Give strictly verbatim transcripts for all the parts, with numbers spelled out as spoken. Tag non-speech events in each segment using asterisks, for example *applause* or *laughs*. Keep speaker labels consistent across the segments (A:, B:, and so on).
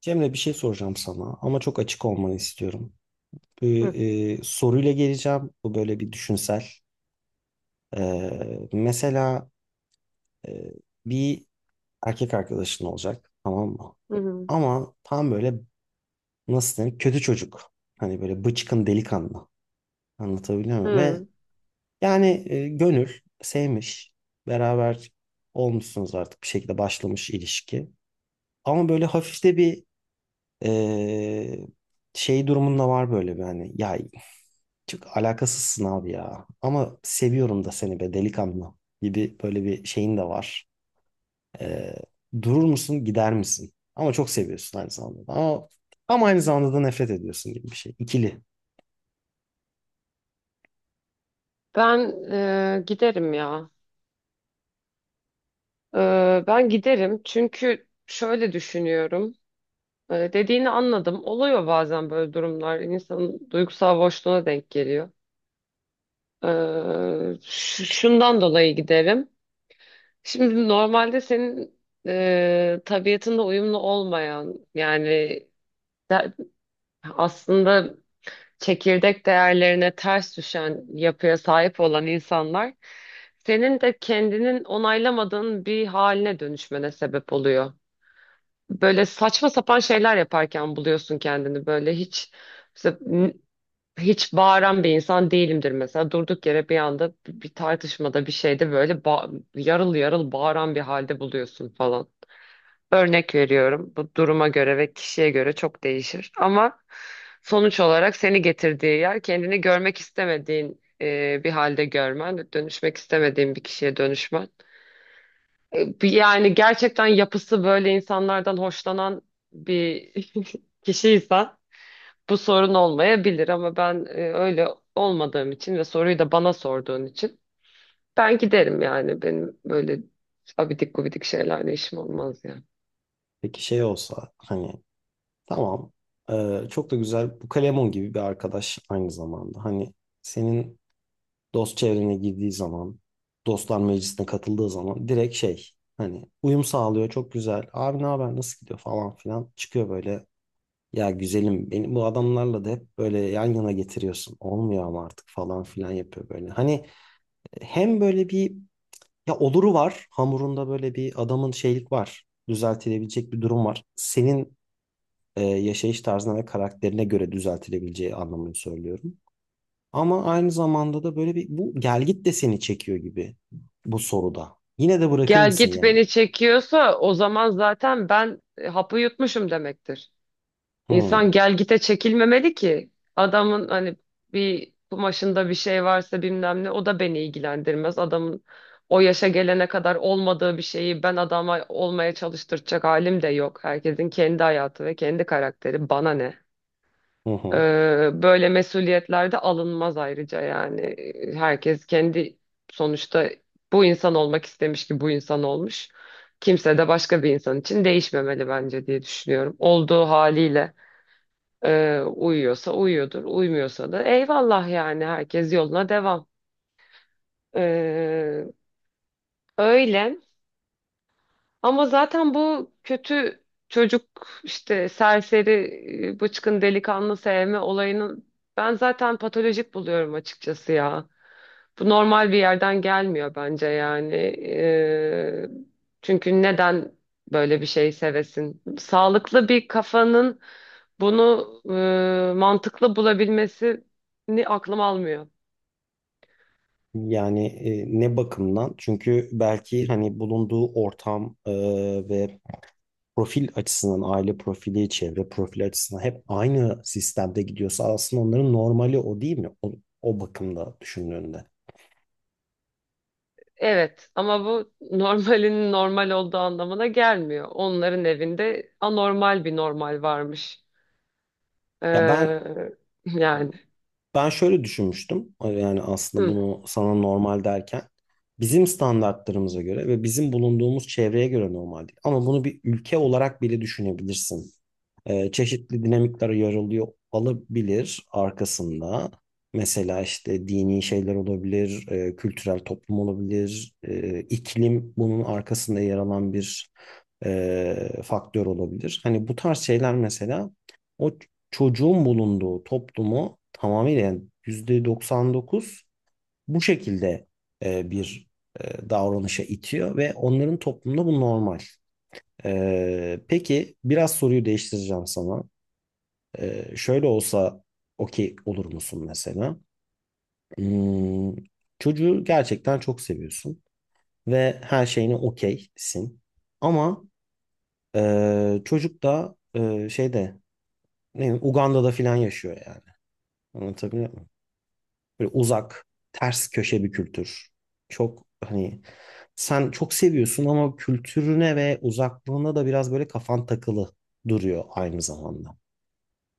A: Cemre bir şey soracağım sana ama çok açık olmanı istiyorum. Bu
B: Hı,
A: e, soruyla geleceğim. Bu böyle bir düşünsel. E, mesela e, bir erkek arkadaşın olacak, tamam mı?
B: hı, hı.
A: Ama tam böyle, nasıl denir, kötü çocuk. Hani böyle bıçkın delikanlı. Anlatabiliyor muyum? Ve
B: Hı.
A: yani e, gönül sevmiş. Beraber olmuşsunuz, artık bir şekilde başlamış ilişki. Ama böyle hafif de bir e, şey durumunda var, böyle bir hani, ya çok alakasızsın abi ya. Ama seviyorum da seni be delikanlı gibi böyle bir şeyin de var. Ee, Durur musun, gider misin? Ama çok seviyorsun aynı zamanda da. Ama, ama aynı zamanda da nefret ediyorsun gibi bir şey. İkili.
B: Ben e, giderim ya. E, ben giderim çünkü şöyle düşünüyorum. E, dediğini anladım. Oluyor bazen böyle durumlar. İnsanın duygusal boşluğuna denk geliyor. E, ş- şundan dolayı giderim. Şimdi normalde senin e, tabiatınla uyumlu olmayan yani de- aslında çekirdek değerlerine ters düşen yapıya sahip olan insanlar senin de kendinin onaylamadığın bir haline dönüşmene sebep oluyor. Böyle saçma sapan şeyler yaparken buluyorsun kendini böyle hiç mesela n- hiç bağıran bir insan değilimdir mesela durduk yere bir anda bir bir tartışmada bir şeyde böyle ba- yarıl yarıl bağıran bir halde buluyorsun falan. Örnek veriyorum. Bu duruma göre ve kişiye göre çok değişir. Ama sonuç olarak seni getirdiği yer kendini görmek istemediğin e, bir halde görmen, dönüşmek istemediğin bir kişiye dönüşmen. E, bir- yani gerçekten yapısı böyle insanlardan hoşlanan bir *laughs* kişiysen bu sorun olmayabilir ama ben e, öyle olmadığım için ve soruyu da bana sorduğun için ben giderim yani. Benim böyle abidik gubidik şeylerle işim olmaz yani.
A: Peki şey olsa, hani tamam, ee, çok da güzel bu Kalemon gibi bir arkadaş aynı zamanda. Hani senin dost çevrene girdiği zaman, dostlar meclisine katıldığı zaman direkt şey, hani uyum sağlıyor çok güzel. Abi ne haber, nasıl gidiyor falan filan çıkıyor böyle. Ya güzelim, beni bu adamlarla da hep böyle yan yana getiriyorsun. Olmuyor ama artık falan filan yapıyor böyle. Hani e, hem böyle bir, ya oluru var. Hamurunda böyle bir adamın şeylik var. Düzeltilebilecek bir durum var. Senin e, yaşayış tarzına ve karakterine göre düzeltilebileceği anlamını söylüyorum. Ama aynı zamanda da böyle bir, bu gelgit de seni çekiyor gibi bu soruda. Yine de bırakır
B: Gel
A: mısın
B: git
A: yani?
B: beni çekiyorsa o zaman zaten ben e, hapı yutmuşum demektir.
A: Hı
B: İnsan gel gite çekilmemeli ki. Adamın hani bir kumaşında bir şey varsa bilmem ne o da beni ilgilendirmez. Adamın o yaşa gelene kadar olmadığı bir şeyi ben adama olmaya çalıştıracak halim de yok. Herkesin kendi hayatı ve kendi karakteri. Bana ne?
A: hı. Hı.
B: Ee, böyle mesuliyetler de alınmaz ayrıca yani. Herkes kendi sonuçta bu insan olmak istemiş ki bu insan olmuş. Kimse de başka bir insan için değişmemeli bence diye düşünüyorum. Olduğu haliyle e, uyuyorsa uyuyordur, uymuyorsa da eyvallah yani herkes yoluna devam. Ee, öyle ama zaten bu kötü çocuk işte serseri e, bıçkın delikanlı sevme olayını ben zaten patolojik buluyorum açıkçası ya. Bu normal bir yerden gelmiyor bence yani. Ee, çünkü neden böyle bir şey sevesin? Sağlıklı bir kafanın bunu e, mantıklı bulabilmesini aklım almıyor.
A: Yani e, ne bakımdan? Çünkü belki hani bulunduğu ortam e, ve profil açısından, aile profili, çevre profili açısından hep aynı sistemde gidiyorsa aslında onların normali o değil mi? O, o bakımda düşündüğünde.
B: Evet ama bu *laughs* normalin normal olduğu anlamına gelmiyor. Onların evinde anormal bir normal varmış.
A: Ya ben,
B: Ee, yani.
A: ben şöyle düşünmüştüm. e, Yani aslında
B: Hı.
A: bunu sana normal derken bizim standartlarımıza göre ve bizim bulunduğumuz çevreye göre normal değil. Ama bunu bir ülke olarak bile düşünebilirsin. Ee, çeşitli dinamikler yarılıyor olabilir arkasında. Mesela işte dini şeyler olabilir, e, kültürel toplum olabilir, e, iklim bunun arkasında yer alan bir e, faktör olabilir. Hani bu tarz şeyler mesela o çocuğun bulunduğu toplumu tamamıyla, yani yüzde doksan dokuz bu şekilde e, bir e, davranışa itiyor ve onların toplumunda bu normal. E, peki biraz soruyu değiştireceğim sana. E, şöyle olsa okey olur musun mesela? Hmm, çocuğu gerçekten çok seviyorsun ve her şeyine okeysin. Ama e, çocuk da e, şeyde, ne bileyim, Uganda'da filan yaşıyor yani. Anlatabiliyor muyum? Böyle uzak, ters köşe bir kültür. Çok hani sen çok seviyorsun ama kültürüne ve uzaklığına da biraz böyle kafan takılı duruyor aynı zamanda.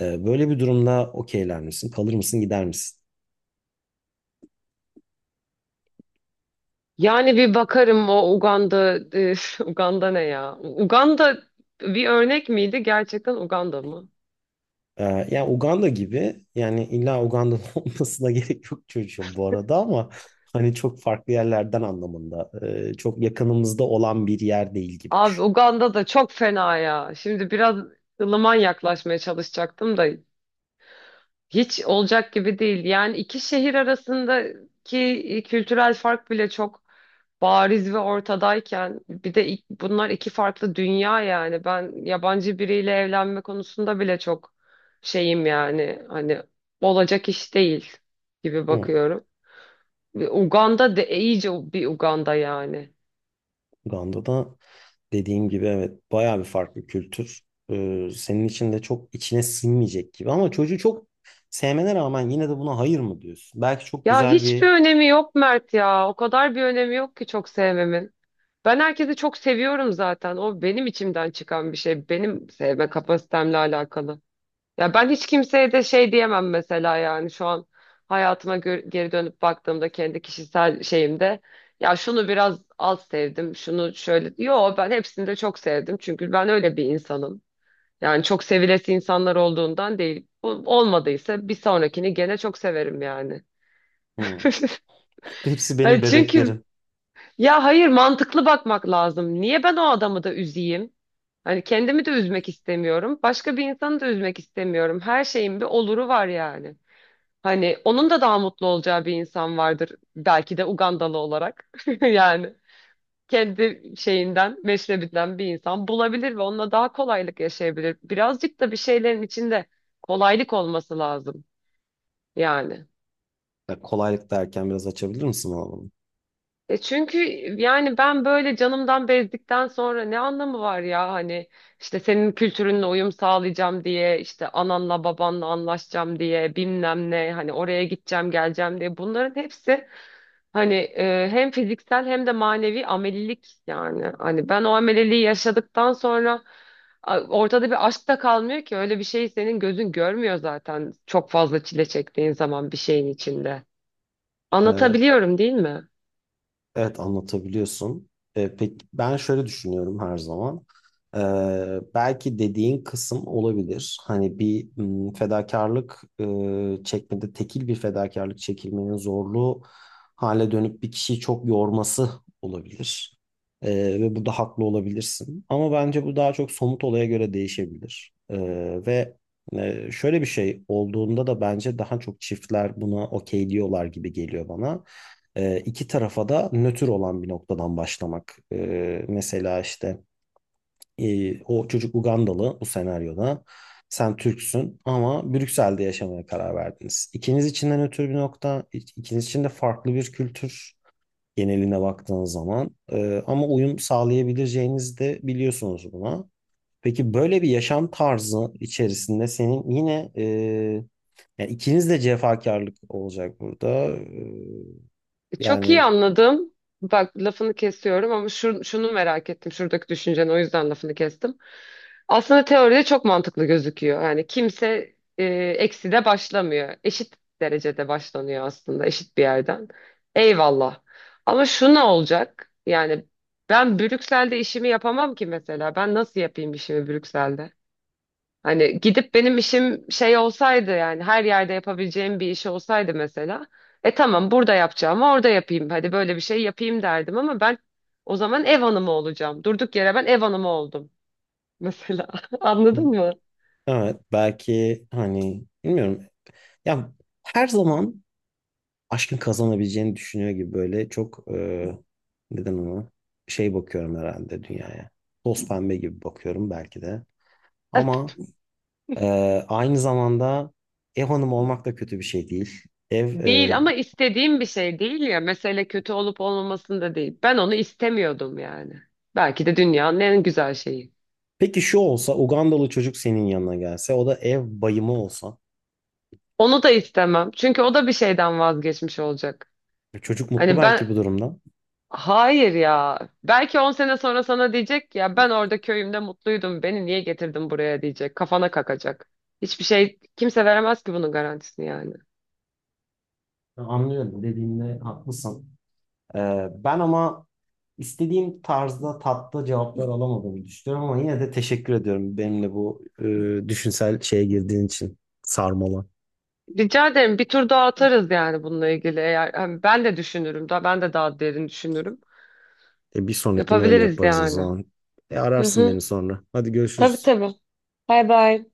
A: Ee, böyle bir durumda okeyler misin? Kalır mısın, gider misin?
B: Yani bir bakarım o Uganda, e, *laughs* Uganda ne ya? Uganda bir örnek miydi? Gerçekten Uganda mı?
A: Ee, Yani Uganda gibi, yani illa Uganda'nın *laughs* olmasına gerek yok çocuğum bu arada, ama hani çok farklı yerlerden anlamında. Ee, çok yakınımızda olan bir yer değil gibi
B: Abi
A: düşün.
B: Uganda da çok fena ya. Şimdi biraz ılıman yaklaşmaya çalışacaktım da hiç olacak gibi değil. Yani iki şehir arasındaki kültürel fark bile çok bariz ve ortadayken bir de ik- bunlar iki farklı dünya yani ben yabancı biriyle evlenme konusunda bile çok şeyim yani hani olacak iş değil gibi
A: Hı,
B: bakıyorum. Ve Uganda de iyice bir Uganda yani.
A: Uganda'da, dediğim gibi, evet bayağı bir farklı kültür. Ee, senin için de çok içine sinmeyecek gibi ama çocuğu çok sevmene rağmen yine de buna hayır mı diyorsun? Belki çok
B: Ya
A: güzel
B: hiçbir
A: bir.
B: önemi yok Mert ya. O kadar bir önemi yok ki çok sevmemin. Ben herkesi çok seviyorum zaten. O benim içimden çıkan bir şey. Benim sevme kapasitemle alakalı. Ya ben hiç kimseye de şey diyemem mesela yani şu an hayatıma gö- geri dönüp baktığımda kendi kişisel şeyimde ya şunu biraz az sevdim, şunu şöyle. Yo ben hepsini de çok sevdim çünkü ben öyle bir insanım. Yani çok sevilesi insanlar olduğundan değil. Bu olmadıysa bir sonrakini gene çok severim yani.
A: Hmm.
B: *laughs*
A: Hepsi benim
B: Hani çünkü
A: bebeklerim.
B: ya hayır mantıklı bakmak lazım. Niye ben o adamı da üzeyim? Hani kendimi de üzmek istemiyorum. Başka bir insanı da üzmek istemiyorum. Her şeyin bir oluru var yani. Hani onun da daha mutlu olacağı bir insan vardır. Belki de Ugandalı olarak. *laughs* Yani kendi şeyinden, meşrebinden bir insan bulabilir ve onunla daha kolaylık yaşayabilir. Birazcık da bir şeylerin içinde kolaylık olması lazım yani.
A: Ya kolaylık derken biraz açabilir misin bana bunu?
B: E çünkü yani ben böyle canımdan bezdikten sonra ne anlamı var ya hani işte senin kültürünle uyum sağlayacağım diye işte ananla babanla anlaşacağım diye bilmem ne hani oraya gideceğim geleceğim diye bunların hepsi hani e, hem fiziksel hem de manevi amelilik yani hani ben o ameliliği yaşadıktan sonra a, ortada bir aşk da kalmıyor ki öyle bir şeyi senin gözün görmüyor zaten çok fazla çile çektiğin zaman bir şeyin içinde anlatabiliyorum değil mi?
A: Evet, anlatabiliyorsun. E, peki ben şöyle düşünüyorum her zaman. E, Belki dediğin kısım olabilir. Hani bir, m, fedakarlık e, çekmede, tekil bir fedakarlık çekilmenin zorluğu hale dönüp bir kişiyi çok yorması olabilir. E, Ve burada haklı olabilirsin. Ama bence bu daha çok somut olaya göre değişebilir. E, ve e, şöyle bir şey olduğunda da bence daha çok çiftler buna okey diyorlar gibi geliyor bana. E, iki tarafa da nötr olan bir noktadan başlamak. E, mesela işte e, o çocuk Ugandalı bu senaryoda. Sen Türksün ama Brüksel'de yaşamaya karar verdiniz. İkiniz için de nötr bir nokta, ikiniz için de farklı bir kültür geneline baktığınız zaman. E, ama uyum sağlayabileceğinizi de biliyorsunuz buna. Peki böyle bir yaşam tarzı içerisinde senin yine e, yani ikiniz de cefakarlık olacak burada. E,
B: Çok iyi
A: Yani
B: anladım. Bak lafını kesiyorum ama şu, şunu merak ettim. Şuradaki düşünceni o yüzden lafını kestim. Aslında teoride çok mantıklı gözüküyor. Yani kimse e, eksi de başlamıyor. Eşit derecede başlanıyor aslında eşit bir yerden. Eyvallah. Ama şu ne olacak? Yani ben Brüksel'de işimi yapamam ki mesela. Ben nasıl yapayım işimi Brüksel'de? Hani gidip benim işim şey olsaydı yani her yerde yapabileceğim bir iş olsaydı mesela. E tamam burada yapacağım orada yapayım. Hadi böyle bir şey yapayım derdim ama ben o zaman ev hanımı olacağım. Durduk yere ben ev hanımı oldum mesela. *laughs* Anladın mı?
A: evet, belki hani bilmiyorum. Ya her zaman aşkın kazanabileceğini düşünüyor gibi böyle çok e, neden ona şey bakıyorum herhalde dünyaya. Toz pembe gibi bakıyorum belki de. Ama e, aynı zamanda ev hanımı olmak da kötü bir şey değil. Ev
B: Değil
A: e,
B: ama istediğim bir şey değil ya. Mesele kötü olup olmamasında değil. Ben onu istemiyordum yani. Belki de dünyanın en güzel şeyi.
A: peki şu olsa, Ugandalı çocuk senin yanına gelse, o da ev bayımı olsa.
B: Onu da istemem. Çünkü o da bir şeyden vazgeçmiş olacak.
A: Çocuk mutlu
B: Hani ben.
A: belki bu durumdan.
B: Hayır ya. Belki on sene sonra sana diyecek ki, ya ben orada köyümde mutluydum. Beni niye getirdin buraya diyecek. Kafana kakacak. Hiçbir şey kimse veremez ki bunun garantisini yani.
A: Anlıyorum, dediğinde haklısın. Ee, ben ama istediğim tarzda tatlı cevaplar alamadığımı düşünüyorum ama yine de teşekkür ediyorum benimle bu e, düşünsel şeye girdiğin için, sarmala.
B: Rica ederim bir tur daha atarız yani bununla ilgili. Eğer hani ben de düşünürüm daha ben de daha derin düşünürüm.
A: E, bir sonrakini öyle
B: Yapabiliriz
A: yaparız o
B: yani.
A: zaman. E,
B: Hı
A: ararsın beni
B: hı.
A: sonra. Hadi
B: Tabii
A: görüşürüz.
B: tabii. Bay bay.